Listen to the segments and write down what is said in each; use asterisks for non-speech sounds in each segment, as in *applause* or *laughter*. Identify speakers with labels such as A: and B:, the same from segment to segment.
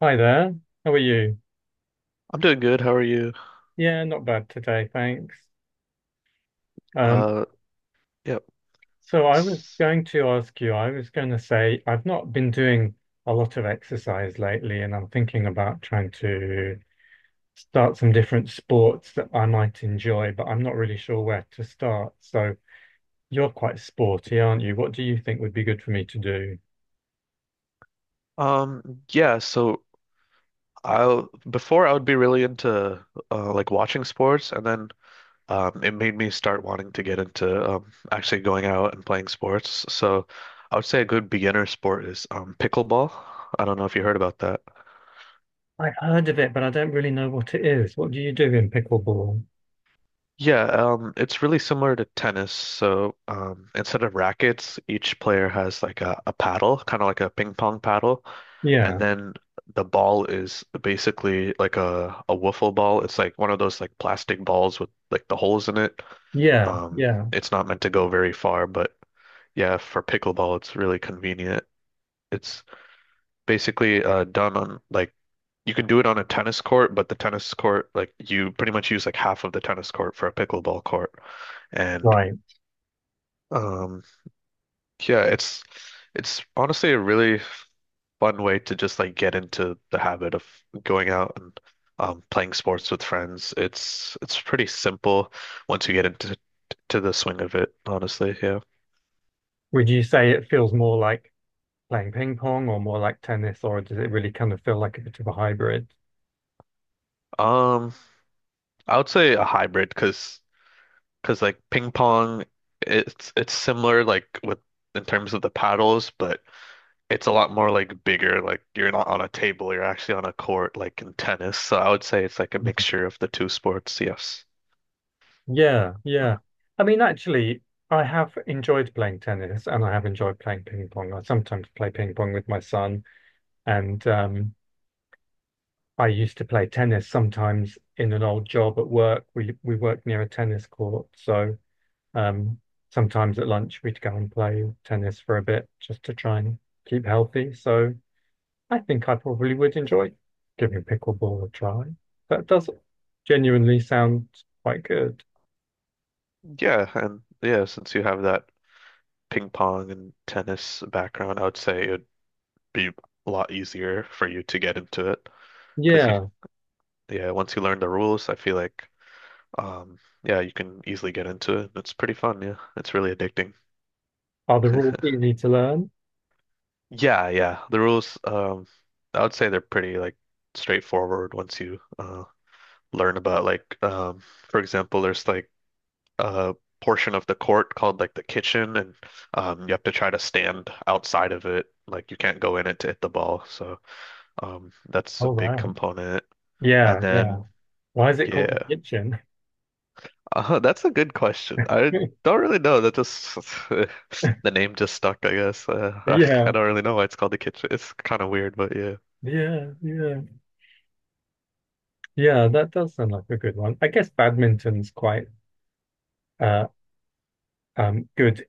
A: Hi there. How are you?
B: I'm doing good. How are you?
A: Yeah, not bad today, thanks. Um,
B: Uh, yep.
A: so I was going to ask you, I was going to say I've not been doing a lot of exercise lately, and I'm thinking about trying to start some different sports that I might enjoy, but I'm not really sure where to start. So you're quite sporty, aren't you? What do you think would be good for me to do?
B: Yeah, so I'll before I would be really into like watching sports, and then it made me start wanting to get into actually going out and playing sports. So I would say a good beginner sport is pickleball. I don't know if you heard about that.
A: I've heard of it, but I don't really know what it is. What do you do in pickleball?
B: Yeah, it's really similar to tennis. So instead of rackets, each player has like a paddle, kind of like a ping pong paddle. And
A: Yeah,
B: then the ball is basically like a wiffle ball. It's like one of those like plastic balls with like the holes in it.
A: yeah,
B: Um,
A: yeah.
B: it's not meant to go very far, but yeah, for pickleball, it's really convenient. It's basically done on like you can do it on a tennis court, but the tennis court, like you pretty much use like half of the tennis court for a pickleball court. And
A: Right.
B: um, yeah, it's honestly a really fun way to just like get into the habit of going out and playing sports with friends. It's pretty simple once you get into to the swing of it, honestly. Yeah.
A: Would you say it feels more like playing ping pong or more like tennis, or does it really kind of feel like a bit of a hybrid?
B: Um, I would say a hybrid because like ping pong, it's similar like with in terms of the paddles, but it's a lot more like bigger. Like you're not on a table, you're actually on a court, like in tennis. So I would say it's like a
A: Mhm.
B: mixture of the two sports. Yes.
A: Yeah, yeah. I mean, actually, I have enjoyed playing tennis and I have enjoyed playing ping pong. I sometimes play ping pong with my son, and I used to play tennis sometimes in an old job at work. We worked near a tennis court, so um, sometimes at lunch we'd go and play tennis for a bit just to try and keep healthy. So I think I probably would enjoy giving pickleball a try. That does genuinely sound quite good.
B: Yeah, and yeah, since you have that ping pong and tennis background, I would say it would be a lot easier for you to get into it because you,
A: Yeah.
B: yeah, once you learn the rules, I feel like, yeah, you can easily get into it. It's pretty fun, yeah. It's really addicting.
A: Are the rules easy to learn?
B: Yeah, yeah. The rules, I would say they're pretty like straightforward once you learn about like for example, there's like a portion of the court called like the kitchen, and you have to try to stand outside of it. Like you can't go in it to hit the ball. So that's a
A: Oh,
B: big
A: right.
B: component. And
A: Yeah, yeah.
B: then,
A: Why is it called
B: yeah,
A: the kitchen?
B: that's a good question. I
A: *laughs*
B: don't really know. That just *laughs* the name just stuck, I guess. *laughs* Ugh, I
A: Yeah,
B: don't really know why it's called the kitchen. It's kind of weird, but yeah,
A: yeah, yeah. Yeah, that does sound like a good one. I guess badminton's quite uh good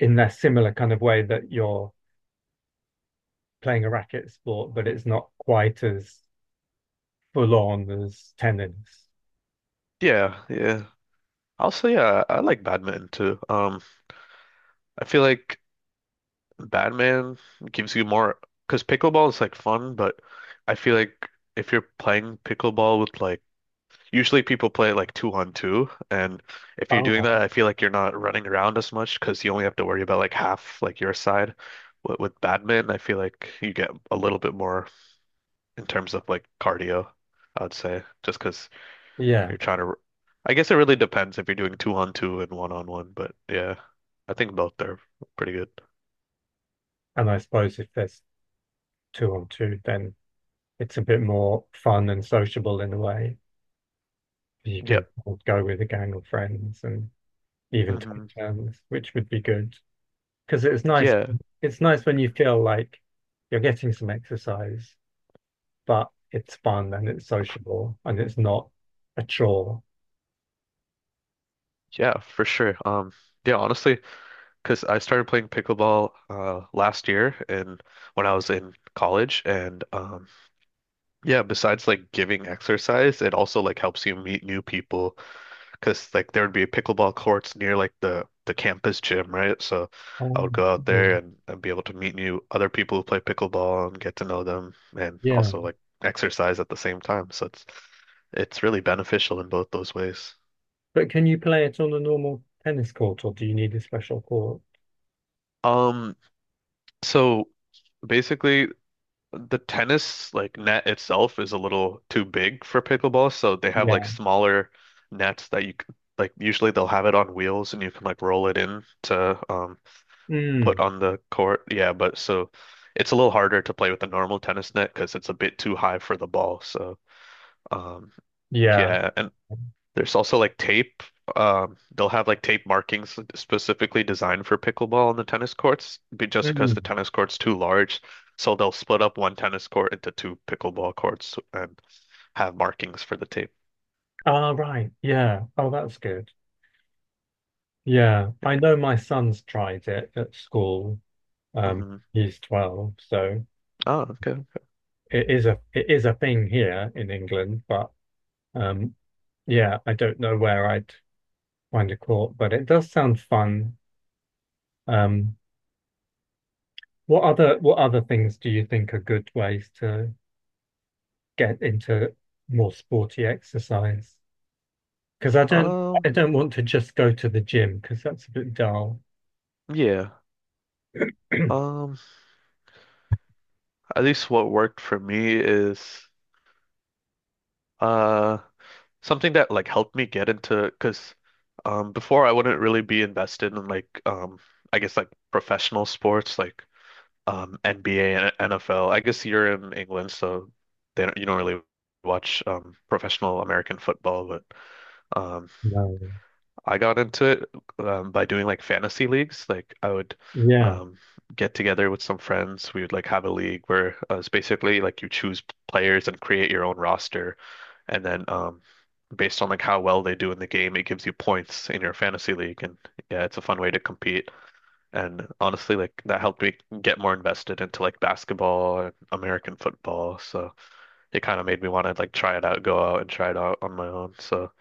A: in that similar kind of way that you're playing a racket sport, but it's not quite as full on as tennis.
B: yeah, yeah. Also, yeah, I like badminton too. I feel like badminton gives you more because pickleball is like fun, but I feel like if you're playing pickleball with like usually people play like two on two, and if you're doing that,
A: Oh.
B: I feel like you're not running around as much because you only have to worry about like half like your side. With badminton, I feel like you get a little bit more in terms of like cardio, I would say, just because
A: Yeah.
B: you're trying to. I guess it really depends if you're doing two on two and one on one, but yeah, I think both are pretty good.
A: And I suppose if there's two on two, then it's a bit more fun and sociable in a way. You can
B: Yep.
A: go with a gang of friends and even take
B: Hmm.
A: turns, which would be good. Because
B: Yeah.
A: it's nice when you feel like you're getting some exercise, but it's fun and it's sociable and it's not a chore.
B: Yeah, for sure. Yeah, honestly, because I started playing pickleball last year, and when I was in college, and yeah, besides like giving exercise, it also like helps you meet new people because like there would be pickleball courts near like the campus gym, right? So I would
A: Um,
B: go out there and be able to meet new other people who play pickleball and get to know them, and
A: yeah.
B: also like exercise at the same time. So it's really beneficial in both those ways.
A: But can you play it on a normal tennis court or do you need a special court?
B: Um, so basically the tennis like net itself is a little too big for pickleball, so they have like
A: Yeah.
B: smaller nets that like usually they'll have it on wheels, and you can like roll it in to put
A: Mm,
B: on the court. Yeah, but so it's a little harder to play with the normal tennis net because it's a bit too high for the ball. So um
A: yeah.
B: yeah, and there's also like tape. They'll have like tape markings specifically designed for pickleball on the tennis courts, just because the
A: Mm.
B: tennis court's too large. So they'll split up one tennis court into two pickleball courts and have markings for the tape.
A: Ah, right. Yeah. Oh, that's good. Yeah, I know my son's tried it at school. Um,
B: Hmm.
A: he's 12, so
B: Oh, okay.
A: it is a thing here in England, but um yeah, I don't know where I'd find a court, but it does sound fun. Um, what other what other things do you think are good ways to get into more sporty exercise? Because
B: Um,
A: I don't want to just go to the gym because that's a bit dull.
B: yeah.
A: *clears throat*
B: Um, at least what worked for me is uh something that like helped me get into because before I wouldn't really be invested in like I guess like professional sports like NBA and NFL. I guess you're in England, so they don't, you don't really watch professional American football, but um
A: No.
B: I got into it by doing like fantasy leagues. Like I would
A: Yeah.
B: um get together with some friends. We would like have a league where it's basically like you choose players and create your own roster. And then based on like how well they do in the game, it gives you points in your fantasy league. And yeah, it's a fun way to compete. And honestly, like that helped me get more invested into like basketball and American football. So it kind of made me want to like try it out, go out and try it out on my own. So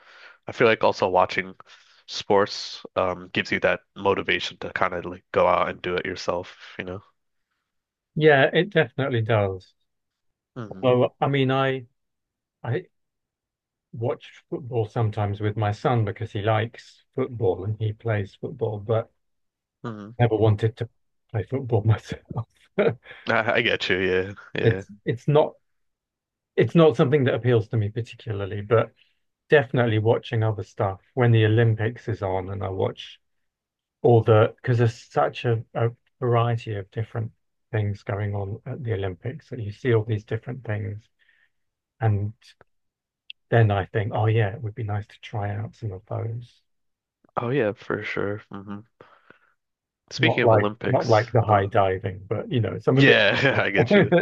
B: I feel like also watching sports gives you that motivation to kind of like go out and do it yourself, you know?
A: Yeah, it definitely does.
B: Hmm.
A: Although, I mean, I watch football sometimes with my son because he likes football and he plays football, but
B: Hmm.
A: never wanted to play football myself. *laughs*
B: I get you. Yeah. Yeah.
A: It's it's not it's not something that appeals to me particularly, but definitely watching other stuff when the Olympics is on and I watch all the because there's such a variety of different things going on at the Olympics that you see all these different things. And then I think, oh yeah, it would be nice to try out some of those.
B: Oh yeah, for sure. Hmm. Speaking
A: Not
B: of
A: like not like
B: Olympics,
A: the high diving, but you know, some of it.
B: yeah, *laughs* I get you.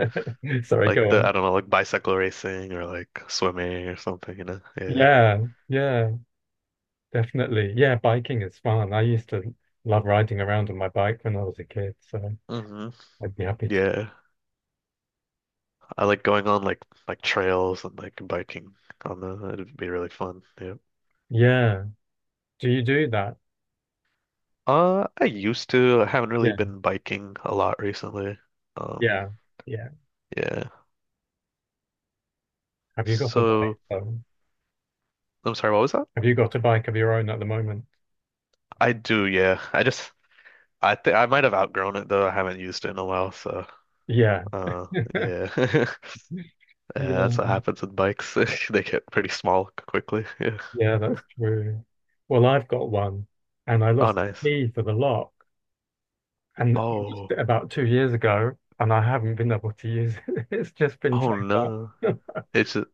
A: *laughs* Sorry,
B: Like
A: go
B: the,
A: on.
B: I don't know, like bicycle racing or like swimming or something, you know? Yeah.
A: Yeah, yeah, definitely. Yeah, biking is fun. I used to love riding around on my bike when I was a kid, so
B: Mhm.
A: I'd be happy to.
B: Yeah, I like going on like trails and like biking on the. It'd be really fun. Yeah.
A: Yeah. Do you do that?
B: I used to. I haven't really
A: Yeah,
B: been biking a lot recently. Um,
A: yeah, yeah.
B: yeah.
A: Have you got a bike
B: So
A: though?
B: I'm sorry. What was that?
A: Have you got a bike of your own at the moment?
B: I do. Yeah. I just. I think I might have outgrown it though. I haven't used it in a while. So,
A: Yeah.
B: uh,
A: *laughs*
B: yeah. *laughs*
A: Yeah,
B: Yeah, that's what happens with bikes. *laughs* They get pretty small quickly. *laughs* Yeah.
A: yeah, that's true. Well, I've got one and I
B: Oh,
A: lost the
B: nice.
A: key for the lock. And I used
B: Oh.
A: it about 2 years ago, and I haven't been able to use it. *laughs* It's just been
B: Oh
A: checked
B: no.
A: out. *laughs*
B: It's a,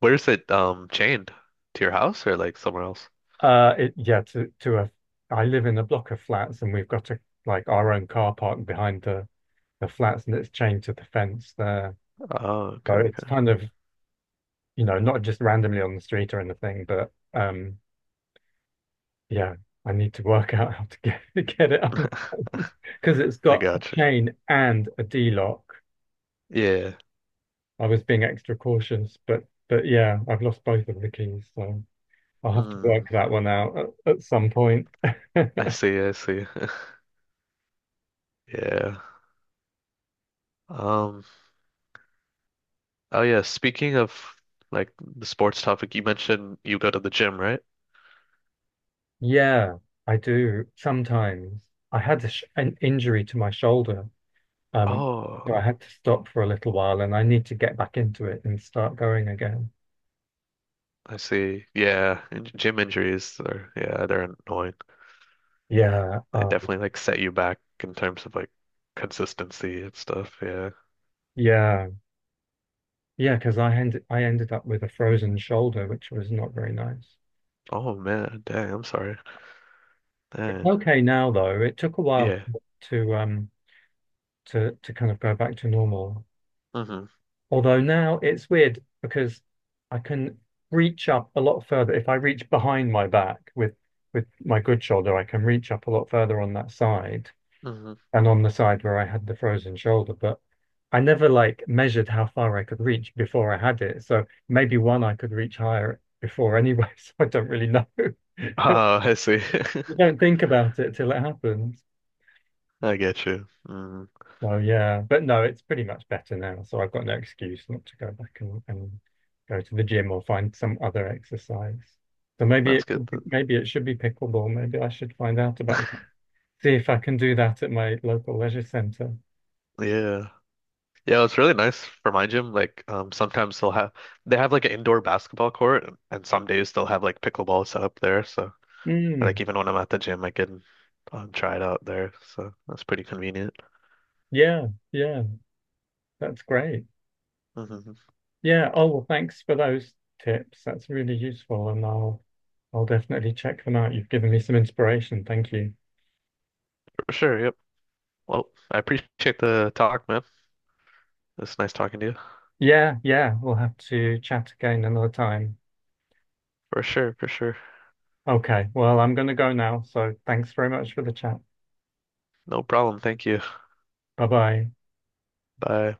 B: where's it chained? To your house or like somewhere else?
A: It, yeah, to a, I live in a block of flats, and we've got a like our own car park behind the flats, and it's chained to the fence there.
B: Oh,
A: So
B: okay,
A: it's
B: okay.
A: kind of you know not just randomly on the street or anything, but yeah, I need to work *laughs* out how to get *laughs* to get it untied because it's
B: I
A: got a
B: got you.
A: chain and a D lock.
B: Yeah.
A: I was being extra cautious, but yeah, I've lost both of the keys, so. I'll have to
B: Mm,
A: work that one out at some point. *laughs*
B: I see, I see. *laughs* Yeah. Um, oh yeah, speaking of like the sports topic, you mentioned you go to the gym, right?
A: Yeah, I do sometimes. I had a sh an injury to my shoulder, um, so I
B: Oh,
A: had to stop for a little while, and I need to get back into it and start going again.
B: I see. Yeah, and gym injuries are yeah, they're annoying.
A: Yeah,
B: They definitely like set you back in terms of like consistency and stuff. Yeah.
A: yeah, yeah. Because I ended up with a frozen shoulder, which was not very nice.
B: Oh man, dang, I'm sorry.
A: It's
B: Dang.
A: okay now, though. It took a while
B: Yeah.
A: to um to kind of go back to normal.
B: Mm-hmm.
A: Although now it's weird because I can reach up a lot further. If I reach behind my back with my good shoulder, I can reach up a lot further on that side
B: Mm-hmm.
A: and on the side where I had the frozen shoulder. But I never like measured how far I could reach before I had it. So maybe one I could reach higher before anyway. *laughs* So I don't really know. *laughs*
B: Ah, I see. *laughs*
A: You don't think about it till it happens.
B: I get you. Mm,
A: Well, yeah, but no, it's pretty much better now. So I've got no excuse not to go back and go to the gym or find some other exercise. So maybe
B: that's
A: it
B: good.
A: should be, maybe it should be pickleball. Maybe I should find out about that. See if I can do that at my local leisure centre.
B: Yeah. Yeah, it's really nice for my gym. Like, sometimes they'll have they have like an indoor basketball court, and some days they'll have like pickleball set up there. So, like,
A: Mm,
B: even when I'm at the gym, I can try it out there. So that's pretty convenient.
A: yeah, yeah, that's great.
B: Hmm.
A: Yeah. Oh, well, thanks for those tips. That's really useful, and I'll definitely check them out. You've given me some inspiration. Thank you.
B: For sure. Yep. Well, I appreciate the talk, man. It's nice talking to you.
A: Yeah, yeah, we'll have to chat again another time.
B: For sure. For sure.
A: Okay, well, I'm going to go now. So thanks very much for the chat.
B: No problem. Thank you.
A: Bye bye.
B: Bye.